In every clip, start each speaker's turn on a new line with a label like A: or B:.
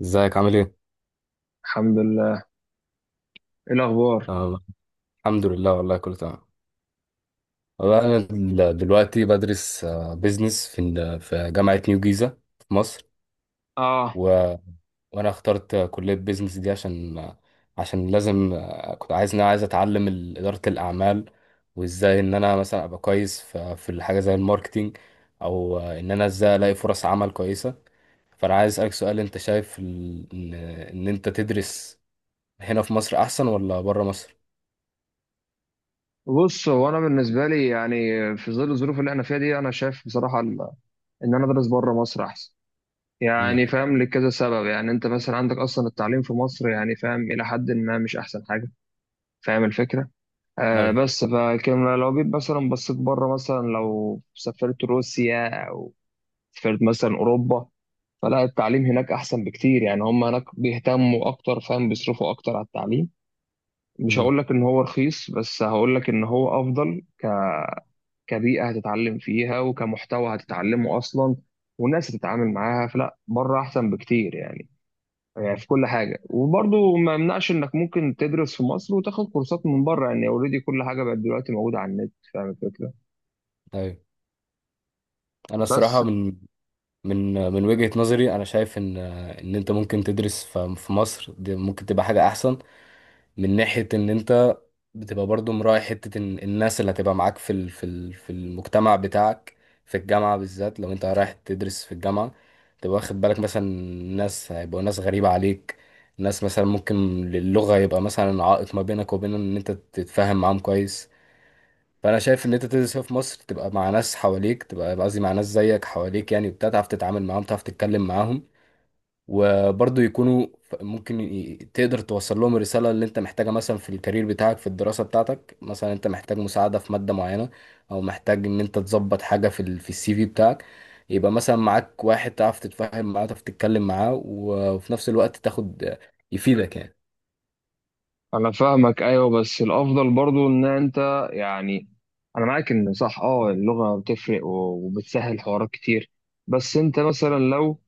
A: ازيك عامل ايه؟
B: الحمد لله. ايه الاخبار؟
A: آه، الحمد لله والله كله تمام. والله انا دلوقتي بدرس بيزنس في في جامعة نيو جيزة في مصر.
B: اه،
A: و... وانا اخترت كلية بيزنس دي عشان عشان لازم، كنت عايز ان انا عايز اتعلم إدارة الاعمال، وازاي ان انا مثلا ابقى كويس في الحاجة زي الماركتينج، او ان انا ازاي الاقي فرص عمل كويسة. فانا عايز اسالك سؤال، انت شايف ال... ان إن انت تدرس هنا في مصر احسن ولا بره مصر؟
B: بص، هو انا بالنسبه لي يعني في ظل الظروف اللي احنا فيها دي انا شايف بصراحه ان انا ادرس بره مصر احسن.
A: امم.
B: يعني فاهم لكذا سبب. يعني انت مثلا عندك اصلا التعليم في مصر، يعني فاهم، الى حد ما مش احسن حاجه. فاهم الفكره؟ آه، بس فكان لو جيت مثلا بصيت بره، مثلا لو سافرت روسيا او سافرت مثلا اوروبا، فلا التعليم هناك احسن بكتير. يعني هم هناك بيهتموا اكتر، فاهم، بيصرفوا اكتر على التعليم. مش
A: ايوه.
B: هقول لك ان هو رخيص، بس هقول لك ان هو افضل كبيئه هتتعلم فيها، وكمحتوى هتتعلمه اصلا، وناس هتتعامل معاها. فلا بره احسن بكتير يعني، يعني في كل حاجه. وبرضه ما يمنعش انك ممكن تدرس في مصر وتاخد كورسات من بره. يعني اوريدي كل حاجه بقت دلوقتي موجوده على النت. فاهم الفكره؟
A: طيب انا
B: بس
A: الصراحه من وجهه نظري انا شايف ان انت ممكن تدرس في مصر، دي ممكن تبقى حاجه احسن من ناحيه ان انت بتبقى برضو مراعي حته إن الناس اللي هتبقى معاك في في المجتمع بتاعك، في الجامعه بالذات لو انت رايح تدرس في الجامعه، تبقى واخد بالك مثلا ناس هيبقوا ناس غريبه عليك، ناس مثلا ممكن اللغه يبقى مثلا عائق ما بينك وبين ان انت تتفاهم معاهم كويس. فانا شايف ان انت تدرس هنا في مصر تبقى مع ناس حواليك، تبقى قصدي مع ناس زيك حواليك يعني وبتاع، تعرف تتعامل معاهم، تعرف تتكلم معاهم، وبرضه يكونوا تقدر توصل لهم الرساله اللي انت محتاجها مثلا في الكارير بتاعك في الدراسه بتاعتك، مثلا انت محتاج مساعده في ماده معينه او محتاج ان انت تظبط حاجه في في السي في بتاعك، يبقى مثلا معاك واحد تعرف تتفاهم معاه، تعرف تتكلم معاه، وفي نفس الوقت تاخد يفيدك يعني.
B: انا فاهمك، ايوه، بس الافضل برضه ان انت يعني، انا معاك ان صح اه اللغه بتفرق وبتسهل حوارات كتير. بس انت مثلا لو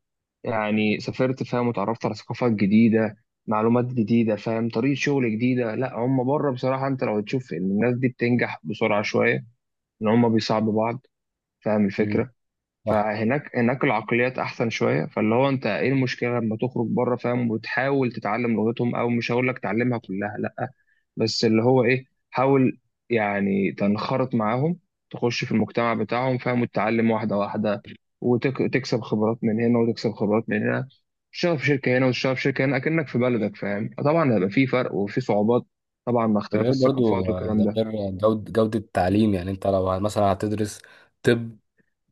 B: يعني سافرت، فاهم، وتعرفت على ثقافات جديدة، معلومات جديدة، فاهم، طريقة شغل جديدة. لا، هم بره بصراحة انت لو تشوف ان الناس دي بتنجح بسرعة شوية، ان هم بيصعبوا بعض. فاهم
A: مم.
B: الفكرة؟
A: صح.
B: فهناك، العقليات احسن شوية. فاللي هو انت ايه المشكلة لما تخرج بره، فاهم، وتحاول تتعلم لغتهم، او مش هقول لك تعلمها كلها لا، بس اللي هو ايه، حاول يعني تنخرط معاهم، تخش في المجتمع بتاعهم، فاهم، وتتعلم واحدة واحدة، وتكسب خبرات من هنا وتكسب خبرات من هنا. تشتغل في شركة هنا وتشتغل في شركة هنا، أكنك في بلدك. فاهم؟ طبعا هيبقى في فرق وفي صعوبات، طبعا مع
A: ده
B: اختلاف
A: غير برضو،
B: الثقافات والكلام ده.
A: ده غير جودة التعليم. يعني انت لو مثلا هتدرس طب،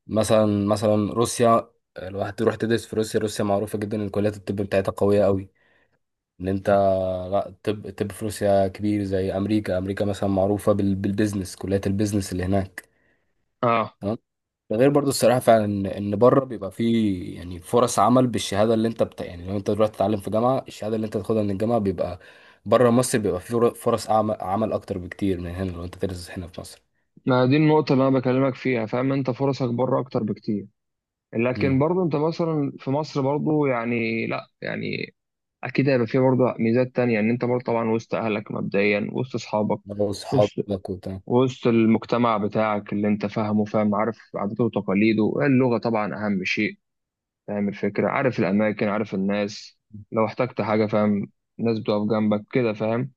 A: مثلا روسيا، لو هتروح تدرس في روسيا، روسيا معروفة جدا ان كليات الطب بتاعتها قوية قوي، ان انت، لا الطب في روسيا كبير زي امريكا. امريكا مثلا معروفة بالبيزنس، كليات البيزنس اللي هناك.
B: اه،
A: ده غير برضو الصراحة فعلا ان إن بره بيبقى فيه يعني فرص عمل بالشهادة اللي انت يعني لو انت دلوقتي تتعلم في جامعة، الشهادة اللي انت تاخدها من الجامعة بيبقى بره مصر، بيبقى فيه فرص عمل اكتر بكتير من هنا لو انت تدرس هنا في مصر.
B: ما دي النقطة اللي أنا بكلمك فيها. فاهم؟ أنت فرصك بره أكتر بكتير، لكن
A: امم.
B: برضه أنت مثلا في مصر برضه يعني، لا يعني اكيد هيبقى فيه برضه ميزات تانية، ان انت برضه طبعا وسط اهلك مبدئيا، وسط اصحابك،
A: لو اصحابك
B: وسط
A: وبتاع.
B: وسط المجتمع بتاعك اللي انت فاهمه، فاهم، عارف عاداته وتقاليده، اللغة طبعا اهم شيء. فاهم الفكرة؟ عارف الاماكن، عارف الناس. لو احتجت حاجة، فاهم، ناس بتقف جنبك كده. فاهم؟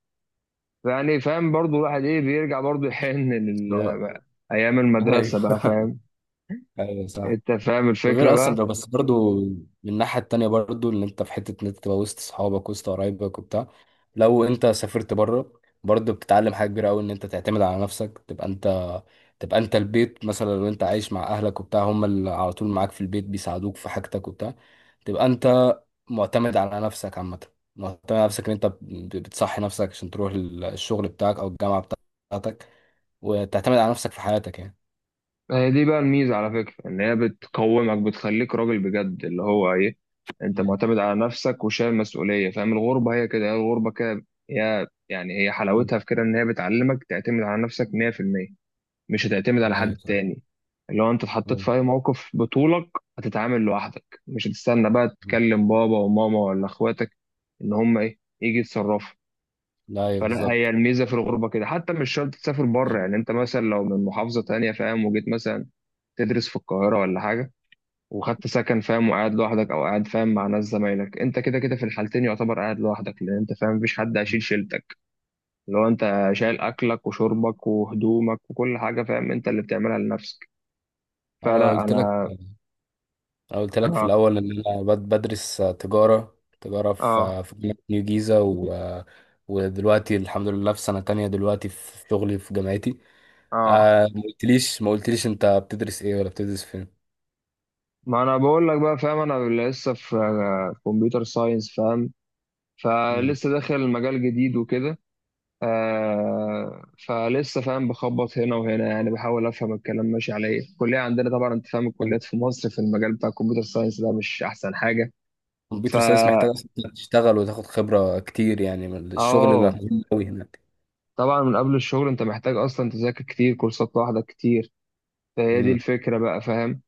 B: يعني فاهم برضه الواحد ايه بيرجع برضه يحن
A: لو-
B: لأيام المدرسة
A: ايوه.
B: بقى. فاهم؟
A: ايوه صح.
B: انت فاهم الفكرة
A: وغير اصلا ده،
B: بقى.
A: بس برضو من الناحية التانية برضو ان انت في حتة ان انت تبقى وسط اصحابك وسط قرايبك وبتاع، لو انت سافرت بره برضو بتتعلم حاجة كبيرة قوي ان انت تعتمد على نفسك. تبقى انت البيت مثلا، لو انت عايش مع اهلك وبتاع هم اللي على طول معاك في البيت بيساعدوك في حاجتك وبتاع، تبقى انت معتمد على نفسك عامة، معتمد على نفسك ان انت بتصحي نفسك عشان تروح الشغل بتاعك او الجامعة بتاعتك، وتعتمد على نفسك في حياتك يعني.
B: هي دي بقى الميزة على فكرة، إن هي بتقومك، بتخليك راجل بجد. اللي هو إيه، أنت
A: يعني.
B: معتمد على نفسك وشايل مسؤولية. فاهم؟ الغربة هي كده، هي الغربة كده. هي يعني هي حلاوتها في كده، إن هي بتعلمك تعتمد على نفسك 100%. مش هتعتمد على
A: لا يا
B: حد
A: صح.
B: تاني. اللي هو أنت اتحطيت
A: أيوة.
B: في أي موقف بطولك، هتتعامل لوحدك، مش هتستنى بقى
A: مم.
B: تكلم بابا وماما ولا إخواتك إن هم إيه يجي يتصرفوا.
A: لا يا
B: فلا هي
A: بالظبط.
B: الميزة في الغربة كده. حتى مش شرط تسافر بره. يعني أنت مثلا لو من محافظة تانية، فاهم، وجيت مثلا تدرس في القاهرة ولا حاجة، وخدت سكن، فاهم، وقاعد لوحدك، أو قاعد فاهم مع ناس زمايلك، أنت كده كده في الحالتين يعتبر قاعد لوحدك، لأن أنت فاهم مفيش حد
A: مم.
B: هيشيل شيلتك. لو أنت شايل أكلك وشربك وهدومك وكل حاجة، فاهم، أنت اللي بتعملها لنفسك.
A: انا لو
B: فلا
A: قلت لك
B: أنا
A: أنا قلت لك في
B: آه.
A: الأول إن أنا بدرس تجارة
B: آه.
A: في جامعة نيو جيزة، ودلوقتي الحمد لله في سنة تانية دلوقتي في شغلي في جامعتي.
B: آه،
A: آه، ما قلتليش أنت بتدرس إيه ولا بتدرس فين؟
B: ما أنا بقول لك بقى، فاهم، أنا لسه في كمبيوتر ساينس، فاهم،
A: مم.
B: فلسه داخل مجال جديد وكده. آه، فلسه فاهم بخبط هنا وهنا. يعني بحاول افهم الكلام ماشي على ايه. الكليه عندنا طبعا انت فاهم،
A: حلو.
B: الكليات في مصر في المجال بتاع الكمبيوتر ساينس ده مش احسن حاجه.
A: الكمبيوتر ساينس
B: فا
A: محتاج أصلاً إنك تشتغل وتاخد خبرة كتير، يعني من الشغل اللي
B: اه،
A: مهم أوي هناك.
B: طبعا من قبل الشغل انت محتاج اصلا تذاكر كتير، كورسات لوحدك كتير. فهي دي
A: مم.
B: الفكره بقى. فاهم؟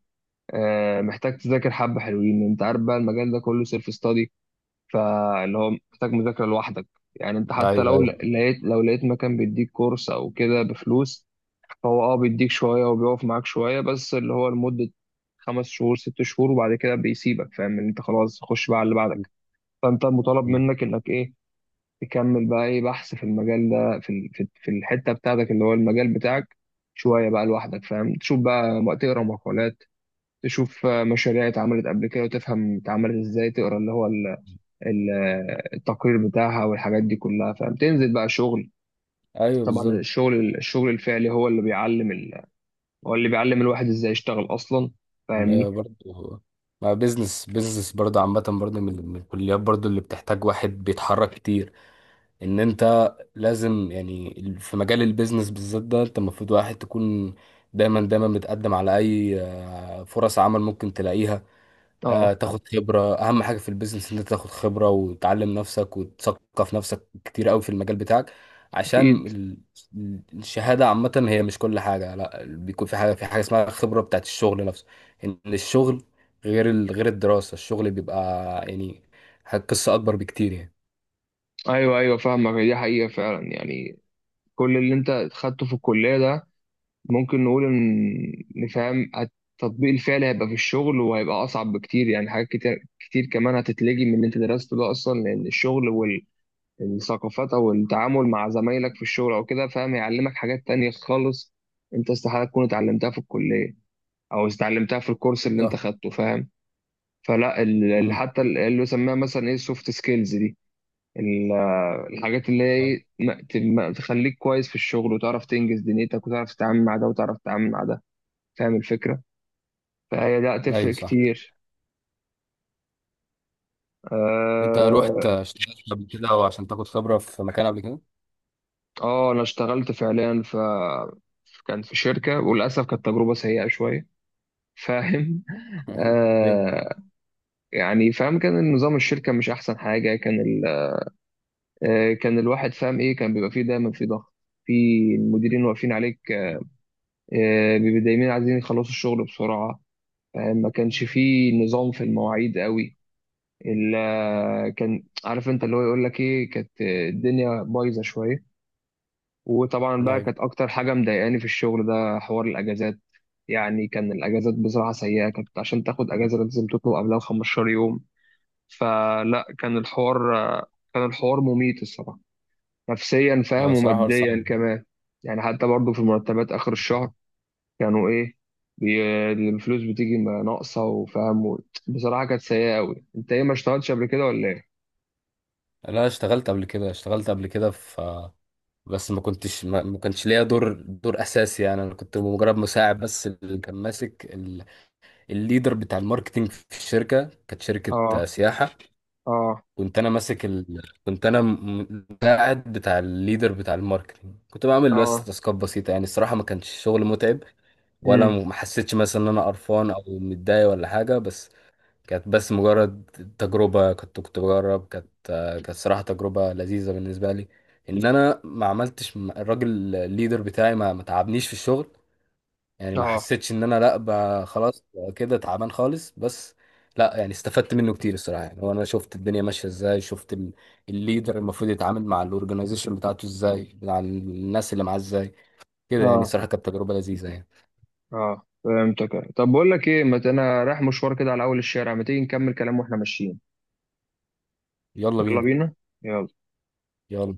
B: آه، محتاج تذاكر حبه حلوين. انت عارف بقى المجال ده كله سيلف ستادي، فاللي هو محتاج مذاكره لوحدك. يعني انت حتى
A: أيوه،
B: لو
A: أيوه.
B: لقيت، لو لقيت مكان بيديك كورس او كده بفلوس، هو اه بيديك شوية وبيقف معاك شوية، بس اللي هو لمدة خمس شهور ست شهور، وبعد كده بيسيبك. فاهم؟ ان انت خلاص خش بقى على اللي
A: مم.
B: بعدك. فانت مطالب
A: مم.
B: منك انك ايه، تكمل بقى ايه، بحث في المجال ده، في في الحتة بتاعتك اللي هو المجال بتاعك، شوية بقى لوحدك. فاهم؟ تشوف بقى، تقرا مقالات، تشوف آه، مشاريع اتعملت قبل كده، وتفهم اتعملت ازاي، تقرا اللي هو ال- التقرير بتاعها والحاجات دي كلها. فاهم؟ تنزل بقى شغل.
A: أيوه
B: طبعا
A: بالظبط.
B: الشغل، الفعلي هو اللي بيعلم، هو اللي بيعلم الواحد ازاي يشتغل اصلا.
A: ما
B: فاهمني؟
A: هي برضه، ما بيزنس بيزنس برضه عامة برضه من الكليات برضه اللي بتحتاج واحد بيتحرك كتير. ان انت لازم يعني في مجال البيزنس بالذات ده انت المفروض واحد تكون دايما دايما بتقدم على اي فرص عمل ممكن تلاقيها.
B: اه.
A: تاخد خبرة، اهم حاجة في البيزنس ان انت تاخد خبرة وتعلم نفسك وتثقف نفسك كتير قوي في المجال بتاعك، عشان
B: اكيد.
A: الشهادة عامة هي مش كل حاجة، لا بيكون في حاجة اسمها خبرة بتاعت الشغل نفسه، ان الشغل غير غير الدراسة، الشغل بيبقى يعني قصة اكبر بكتير يعني.
B: ايوه، ايوه، فاهمك. دي حقيقه فعلا يعني. كل اللي انت خدته في الكليه ده، ممكن نقول ان نفهم التطبيق الفعلي هيبقى في الشغل، وهيبقى اصعب بكتير. يعني حاجات كتير كتير كمان هتتلجي من اللي انت درسته ده اصلا، لان الشغل والثقافات او التعامل مع زمايلك في الشغل او كده، فاهم، يعلمك حاجات تانية خالص، انت استحاله تكون اتعلمتها في الكليه او اتعلمتها في الكورس اللي انت
A: صح.
B: خدته. فاهم؟ فلا
A: مم.
B: اللي يسميها مثلا ايه، السوفت سكيلز دي، ال- الحاجات اللي هي إيه، تخليك كويس في الشغل، وتعرف تنجز دنيتك، وتعرف تتعامل مع ده وتعرف تتعامل مع ده. فاهم الفكرة؟ فهي لا
A: ايوه
B: تفرق
A: صح.
B: كتير.
A: انت رحت
B: اه.
A: اشتغلت قبل كده وعشان تاخد خبره في مكان قبل كده؟
B: آه، انا اشتغلت فعليا كان في شركة، وللأسف كانت تجربة سيئة شوية. فاهم؟
A: إيه؟
B: آه. يعني فاهم كان النظام الشركة مش أحسن حاجة. كان آه، كان الواحد فاهم إيه، كان بيبقى فيه دايما في ضغط، في المديرين واقفين عليك. آه، بيبقوا دايما عايزين يخلصوا الشغل بسرعة. آه، ما كانش فيه نظام في المواعيد قوي، الا كان عارف انت اللي هو يقول لك ايه، كانت آه، الدنيا بايظة شوية. وطبعا بقى
A: ايوه.
B: كانت اكتر حاجة مضايقاني في الشغل ده حوار الاجازات. يعني كان الاجازات بصراحة سيئة. كانت عشان تاخد اجازة لازم تطلب قبلها 15 يوم. فلا كان الحوار، كان الحوار مميت الصراحة، نفسيا،
A: لا
B: فاهم،
A: الصراحه حوار صعب.
B: وماديا كمان. يعني حتى برضو في المرتبات آخر الشهر، كانوا ايه، بي... الفلوس بتيجي ناقصه، وفاهم بصراحه كانت سيئه قوي. انت ايه، ما اشتغلتش قبل كده ولا ايه؟
A: لا اشتغلت قبل كده، اشتغلت قبل كده في، بس ما كنتش، ما كانش ليا دور اساسي يعني، انا كنت مجرد مساعد بس، اللي كان ماسك الليدر بتاع الماركتينج في الشركه، كانت شركه
B: اه.
A: سياحه.
B: اه.
A: كنت انا ماسك كنت انا مساعد بتاع الليدر بتاع الماركتينج، كنت بعمل بس
B: اه.
A: تاسكات بسيطه يعني الصراحه ما كانش شغل متعب، ولا
B: امم.
A: ما حسيتش مثلا ان انا قرفان او متضايق ولا حاجه، بس كانت بس مجرد تجربه، كنت بجرب، كانت صراحه تجربه لذيذه بالنسبه لي، ان انا ما عملتش الراجل الليدر بتاعي ما تعبنيش في الشغل يعني، ما
B: اه.
A: حسيتش ان انا لا خلاص كده تعبان خالص، بس لا يعني استفدت منه كتير الصراحه يعني، وانا شفت الدنيا ماشيه ازاي، شفت الليدر المفروض يتعامل مع الاورجنايزيشن بتاعته ازاي، مع الناس اللي معاه ازاي، كده يعني
B: اه.
A: صراحه كانت تجربه لذيذه يعني.
B: اه، فهمتك. طب بقول لك ايه، ما ت- انا رايح مشوار كده على اول الشارع، ما تيجي نكمل كلام واحنا ماشيين.
A: يلا
B: يلا
A: بينا.
B: بينا. يلا.
A: يلا.